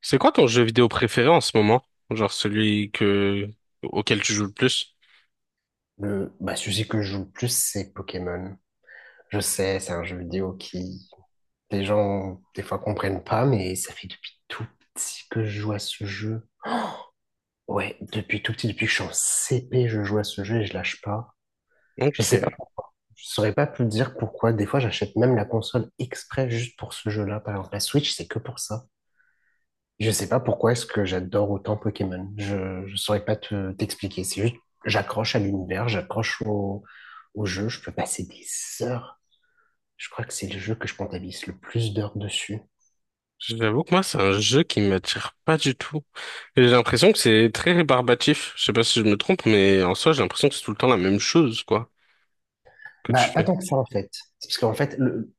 C'est quoi ton jeu vidéo préféré en ce moment? Genre celui que auquel tu joues le plus? Le sujet que je joue le plus, c'est Pokémon. Je sais, c'est un jeu vidéo qui les gens des fois comprennent pas, mais ça fait depuis tout petit que je joue à ce jeu. Ouais, depuis tout petit, depuis que je suis en CP, je joue à ce jeu et je lâche pas. Je sais pas, Ok. je saurais pas plus dire pourquoi. Des fois, j'achète même la console exprès juste pour ce jeu-là. Par exemple, la Switch, c'est que pour ça. Je sais pas pourquoi est-ce que j'adore autant Pokémon. Je saurais pas t'expliquer. C'est juste, j'accroche à l'univers, au jeu. Je peux passer des heures. Je crois que c'est le jeu que je comptabilise le plus d'heures dessus. J'avoue que moi, c'est un jeu qui m'attire pas du tout. J'ai l'impression que c'est très rébarbatif. Je sais pas si je me trompe, mais en soi, j'ai l'impression que c'est tout le temps la même chose, quoi, que tu Bah, pas fais. tant que ça en fait. C'est parce qu'en fait, le-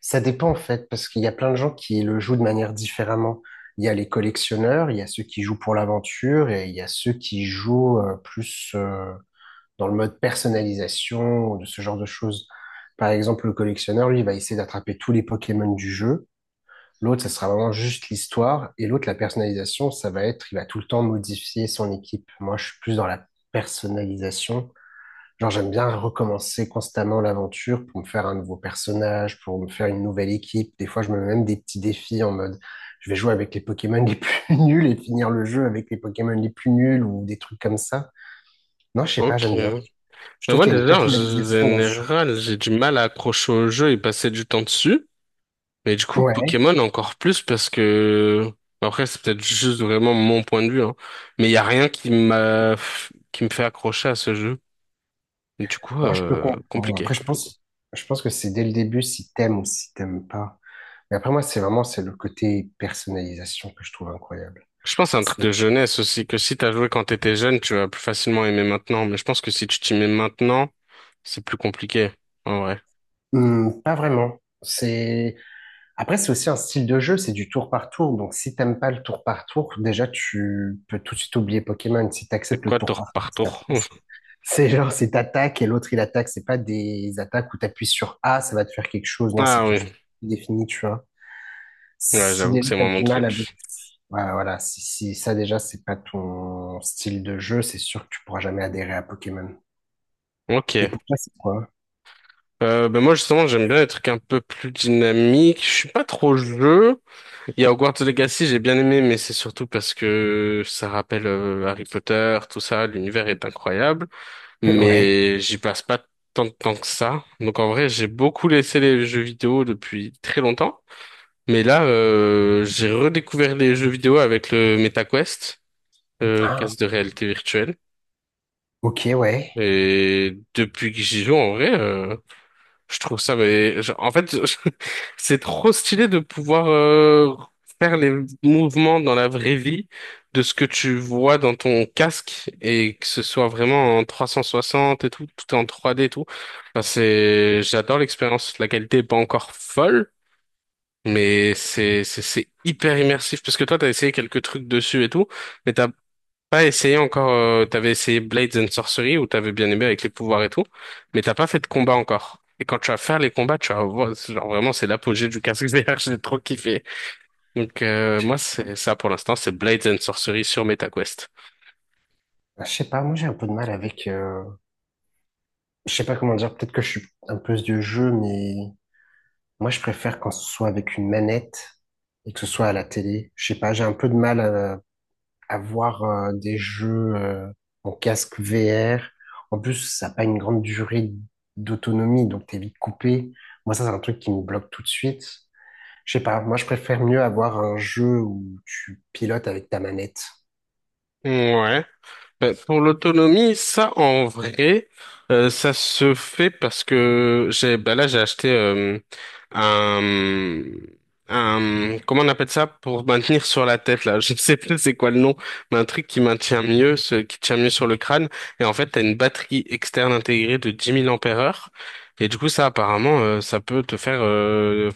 Ça dépend en fait, parce qu'il y a plein de gens qui le jouent de manière différemment. Il y a les collectionneurs, il y a ceux qui jouent pour l'aventure et il y a ceux qui jouent plus dans le mode personnalisation ou de ce genre de choses. Par exemple, le collectionneur, lui, il va essayer d'attraper tous les Pokémon du jeu. L'autre, ça sera vraiment juste l'histoire. Et l'autre, la personnalisation, ça va être, il va tout le temps modifier son équipe. Moi, je suis plus dans la personnalisation. Genre, j'aime bien recommencer constamment l'aventure pour me faire un nouveau personnage, pour me faire une nouvelle équipe. Des fois, je me mets même des petits défis en mode, je vais jouer avec les Pokémon les plus nuls et finir le jeu avec les Pokémon les plus nuls ou des trucs comme ça. Non, je sais pas, Ok. j'aime bien. Mais Je trouve moi, qu'il y a une déjà, en personnalisation dans ce jeu. général, j'ai du mal à accrocher au jeu et passer du temps dessus. Mais du coup, Ouais, Pokémon encore plus parce que, après, c'est peut-être juste vraiment mon point de vue, hein. Mais il y a rien qui m'a, qui me fait accrocher à ce jeu. Du coup, non, je peux comprendre. compliqué. Après, je pense que c'est dès le début si t'aimes ou si t'aimes pas. Mais après, moi, c'est le côté personnalisation que je trouve incroyable. Je pense à un truc C'est- de jeunesse aussi, que si t'as joué quand t'étais jeune, tu vas plus facilement aimer maintenant. Mais je pense que si tu t'y mets maintenant, c'est plus compliqué. En vrai. Hmm, pas vraiment. C'est Après, c'est aussi un style de jeu, c'est du tour par tour. Donc, si t'aimes pas le tour par tour, déjà, tu peux tout de suite oublier Pokémon. Si C'est t'acceptes le quoi tour tour par par tour, ça tour? te passe. C'est genre, c'est t'attaques et l'autre, il attaque. C'est pas des attaques où t'appuies sur A, ça va te faire quelque chose. Non, c'est Ah quelque oui. chose de défini, tu vois. Ouais, Si j'avoue que déjà c'est t'as moi mon du mal avec... truc. Voilà, voilà. Si ça, déjà, c'est pas ton style de jeu, c'est sûr que tu pourras jamais adhérer à Pokémon. Et Ok. pour toi, c'est quoi? Ben moi justement, j'aime bien les trucs un peu plus dynamiques. Je suis pas trop jeu. Il y a Hogwarts Legacy, j'ai bien aimé, mais c'est surtout parce que ça rappelle Harry Potter, tout ça. L'univers est incroyable, Ouais. mais j'y passe pas tant de temps que ça. Donc en vrai, j'ai beaucoup laissé les jeux vidéo depuis très longtemps. Mais là, j'ai redécouvert les jeux vidéo avec le MetaQuest, Ah, casque de réalité virtuelle. ok, ouais. Et depuis que j'y joue, en vrai, je trouve ça, mais en fait, c'est trop stylé de pouvoir faire les mouvements dans la vraie vie de ce que tu vois dans ton casque et que ce soit vraiment en 360 et tout, tout est en 3D et tout. Enfin, c'est, j'adore l'expérience. La qualité est pas encore folle, mais c'est hyper immersif parce que toi t'as essayé quelques trucs dessus et tout, mais t'as pas essayé encore, t'avais essayé Blades and Sorcery où t'avais bien aimé avec les pouvoirs et tout, mais t'as pas fait de combat encore. Et quand tu vas faire les combats, tu vas voir, c'est genre vraiment c'est l'apogée du casque VR, j'ai trop kiffé. Donc moi c'est ça pour l'instant, c'est Blades and Sorcery sur MetaQuest. Ah, je sais pas, moi, j'ai un peu de mal avec... je sais pas comment dire, peut-être que je suis un peu vieux jeu, mais moi je préfère quand ce soit avec une manette et que ce soit à la télé. Je sais pas, j'ai un peu de mal à voir des jeux en casque VR. En plus, ça n'a pas une grande durée d'autonomie, donc t'es vite coupé. Moi, ça, c'est un truc qui me bloque tout de suite. Je sais pas, moi je préfère mieux avoir un jeu où tu pilotes avec ta manette. Ouais. Ben, pour l'autonomie, ça en vrai, ça se fait parce que j'ai ben là j'ai acheté un un comment on appelle ça pour maintenir sur la tête là, je sais plus c'est quoi le nom, mais un truc qui maintient mieux, ce qui tient mieux sur le crâne et en fait t'as une batterie externe intégrée de 10 000 ampères-heure et du coup ça apparemment ça peut te faire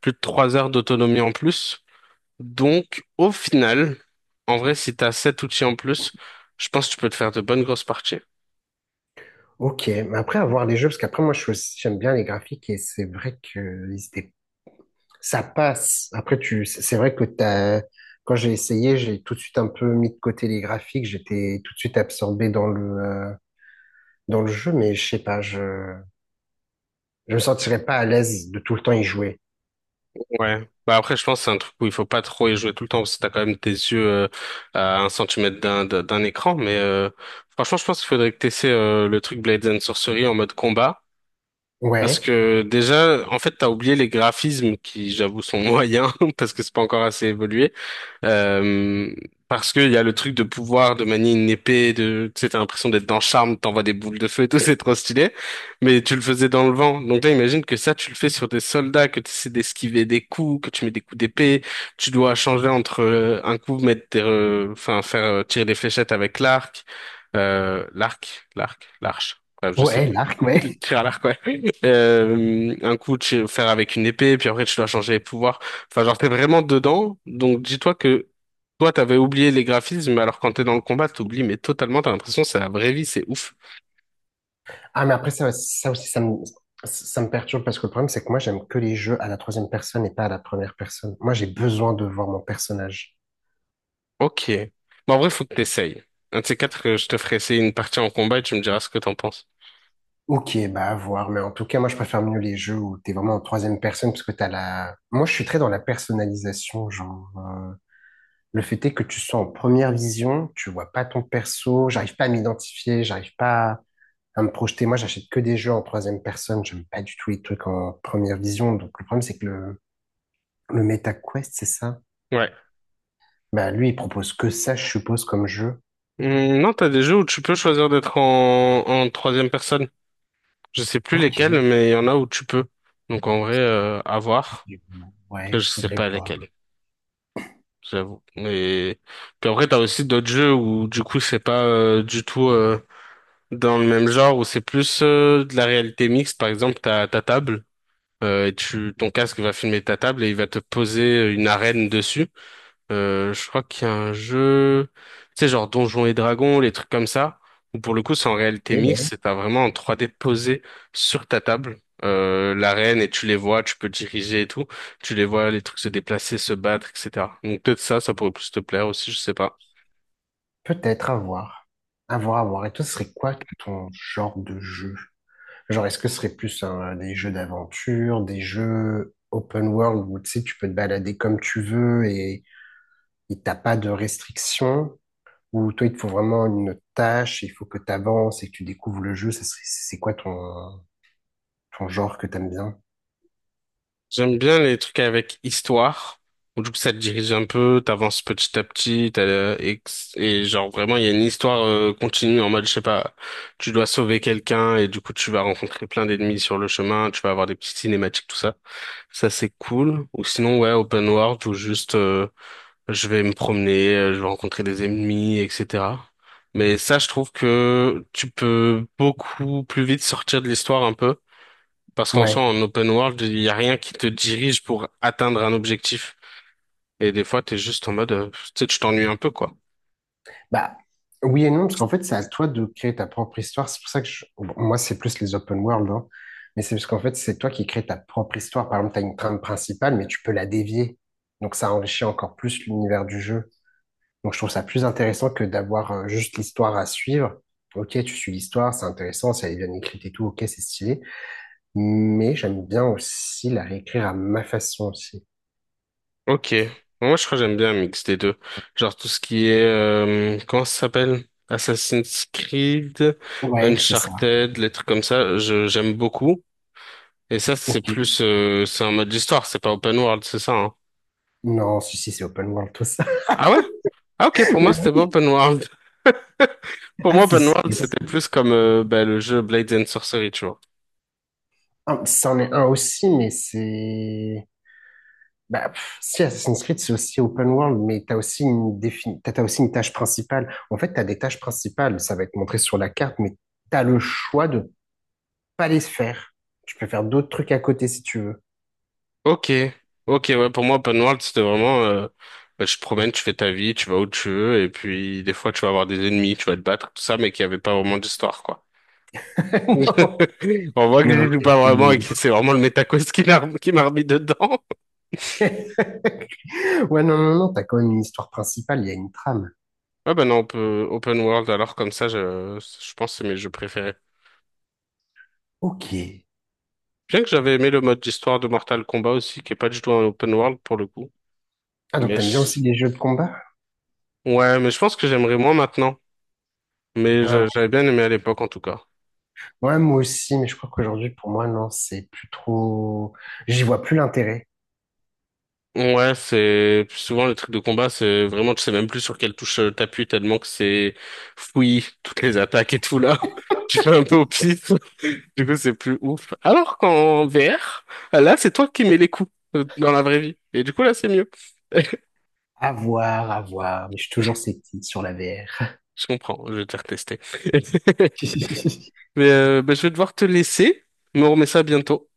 plus de 3 heures d'autonomie en plus. Donc, au final, en vrai, si t'as sept outils en plus, je pense que tu peux te faire de bonnes grosses parties. Ok, mais après avoir les jeux, parce qu'après moi je suis aussi- j'aime bien les graphiques et c'est vrai que ils étaient- ça passe. C'est vrai que t'as, quand j'ai essayé, j'ai tout de suite un peu mis de côté les graphiques, j'étais tout de suite absorbé dans dans le jeu, mais je sais pas, je me sentirais pas à l'aise de tout le temps y jouer. Ouais. Bah après, je pense que c'est un truc où il faut pas trop y jouer tout le temps, parce que t'as quand même tes yeux à un centimètre d'un écran. Mais franchement, je pense qu'il faudrait que t'essaies le truc Blades and Sorcery en mode combat. Parce Ouais, que déjà, en fait, t'as oublié les graphismes qui, j'avoue, sont moyens parce que c'est pas encore assez évolué. Euh, Parce qu'il y a le truc de pouvoir de manier une épée, de, tu sais, t'as l'impression d'être dans Charme, t'envoies des boules de feu et tout, c'est trop stylé. Mais tu le faisais dans le vent. Donc là, imagine que ça, tu le fais sur des soldats, que tu essaies d'esquiver des coups, que tu mets des coups d'épée, tu dois changer entre un coup, mettre enfin, faire tirer des fléchettes avec l'arc, l'arc, l'arc, l'arche. Bref, je sais ouais, plus. l'arc, ouais. Tir à l'arc, un coup, tu faire avec une épée, puis après, tu dois changer les pouvoirs. Enfin, genre, t'es vraiment dedans. Donc, dis-toi que toi, t'avais oublié les graphismes, alors quand t'es dans le combat, t'oublies, mais totalement, t'as l'impression que c'est la vraie vie, c'est ouf. Ah, mais ça aussi, ça me perturbe parce que le problème, c'est que moi, j'aime que les jeux à la troisième personne et pas à la première personne. Moi, j'ai besoin de voir mon personnage. Ok. Bon, en vrai, faut que t'essayes. Un de ces quatre, je te ferai essayer une partie en combat et tu me diras ce que t'en penses. Ok, bah à voir, mais en tout cas, moi, je préfère mieux les jeux où t'es vraiment en troisième personne parce que t'as la. Moi, je suis très dans la personnalisation, le fait est que tu sois en première vision, tu vois pas ton perso, j'arrive pas à m'identifier, j'arrive pas à me projeter. Moi, j'achète que des jeux en troisième personne. J'aime pas du tout les trucs en première vision. Donc, le problème, c'est que le MetaQuest, c'est ça? Ouais. Bah, lui, il propose que ça, je suppose, comme jeu. Non, t'as des jeux où tu peux choisir d'être en, en troisième personne. Je sais plus lesquels, Ok. mais il y en a où tu peux. Donc, en vrai, à voir. Faudrait voir. Après, Ouais, je sais faudrait pas lesquels, voir. j'avoue. Et puis après, t'as aussi d'autres jeux où du coup, c'est pas du tout dans le même genre, où c'est plus de la réalité mixte. Par exemple, t'as ta table, et ton casque va filmer ta table et il va te poser une arène dessus. Je crois qu'il y a un jeu, tu sais, genre Donjons et Dragons, les trucs comme ça, où pour le coup, c'est en réalité Et mixte, ouais, c'est t'as vraiment en 3D posé sur ta table, l'arène, et tu les vois, tu peux diriger et tout, tu les vois, les trucs se déplacer, se battre, etc. Donc peut-être ça, ça pourrait plus te plaire aussi, je sais pas. peut-être à voir. À voir, à voir. Et toi, ce serait quoi ton genre de jeu? Genre, est-ce que ce serait plus un- des jeux d'aventure, des jeux open world où tu sais, tu peux te balader comme tu veux et t'as pas de restrictions? Ou toi, il te faut vraiment une tâche, il faut que tu avances et que tu découvres le jeu. C'est quoi ton genre que t'aimes bien? J'aime bien les trucs avec histoire où du coup, ça te dirige un peu, t'avances petit à petit, et, genre vraiment, il y a une histoire continue en mode, je sais pas, tu dois sauver quelqu'un et du coup, tu vas rencontrer plein d'ennemis sur le chemin, tu vas avoir des petites cinématiques, tout ça. Ça, c'est cool. Ou sinon, ouais, open world où juste, je vais me promener, je vais rencontrer des ennemis, etc. Mais ça, je trouve que tu peux beaucoup plus vite sortir de l'histoire un peu parce qu'en Ouais. soi, en open world, il n'y a rien qui te dirige pour atteindre un objectif. Et des fois, t'es juste en mode, tu sais, tu t'ennuies un peu, quoi. Bah, oui et non, parce qu'en fait, c'est à toi de créer ta propre histoire. C'est pour ça que je- bon, moi, c'est plus les open world, hein. Mais c'est parce qu'en fait, c'est toi qui crées ta propre histoire. Par exemple, tu as une trame principale, mais tu peux la dévier. Donc, ça enrichit encore plus l'univers du jeu. Donc, je trouve ça plus intéressant que d'avoir juste l'histoire à suivre. Ok, tu suis l'histoire, c'est intéressant, si elle est bien écrite et tout, ok, c'est stylé. Mais j'aime bien aussi la réécrire à ma façon aussi. Ok. Moi, je crois que j'aime bien un mix des deux. Genre tout ce qui est, comment ça s'appelle? Assassin's Creed, Ouais, c'est ça. Uncharted, les trucs comme ça, j'aime beaucoup. Et ça, c'est Ok. plus, c'est un mode d'histoire, c'est pas open world, c'est ça, hein. Non, si, c'est open world, tout ça. Ah ouais? Ah ok, pour moi, c'était pas open world. Pour Ah, moi, si, open si. world, Yes. c'était plus comme, bah, le jeu Blades and Sorcery, tu vois. Ah, c'en est un aussi, mais c'est... Bah, pff, si Assassin's Creed, c'est aussi open world, mais t'as aussi une tâche principale. En fait, t'as des tâches principales, ça va être montré sur la carte, mais t'as le choix de pas les faire. Tu peux faire d'autres trucs à côté si tu veux. Ok, ok, ouais, pour moi, open world, c'était vraiment, bah, tu te promènes, tu fais ta vie, tu vas où tu veux, et puis des fois, tu vas avoir des ennemis, tu vas te battre, tout ça, mais qu'il n'y avait pas vraiment d'histoire, quoi. On voit que Non, non, j'y joue pas vraiment non. et que c'est vraiment le Metaquest qui m'a remis dedans. Ouais, non, t'as quand même une histoire principale, il y a une trame. Ouais, ben non, on peut open world, alors comme ça, je pense que c'est mes jeux préférés. Ok. Bien que j'avais aimé le mode d'histoire de Mortal Kombat aussi, qui est pas du tout un open world pour le coup. Ah, donc Mais t'aimes bien je- aussi les jeux de combat? ouais, mais je pense que j'aimerais moins maintenant. Ouais, J'avais bien aimé à l'époque, en tout cas. ouais, moi aussi, mais je crois qu'aujourd'hui, pour moi, non, c'est plus trop... J'y vois plus l'intérêt. Ouais, c'est souvent le truc de combat, c'est vraiment, tu sais même plus sur quelle touche t'appuies tellement que c'est fouillis, toutes les attaques et tout là. Tu fais un peu au pif, du coup c'est plus ouf. Alors qu'en VR, là c'est toi qui mets les coups dans la vraie vie. Et du coup là c'est mieux. À voir, à voir. Mais je suis toujours sceptique sur la VR. Je comprends, je vais te retester. Mais bah, je vais devoir te laisser, mais on remet ça bientôt.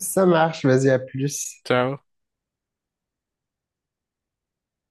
Ça marche, vas-y, à plus. Ciao.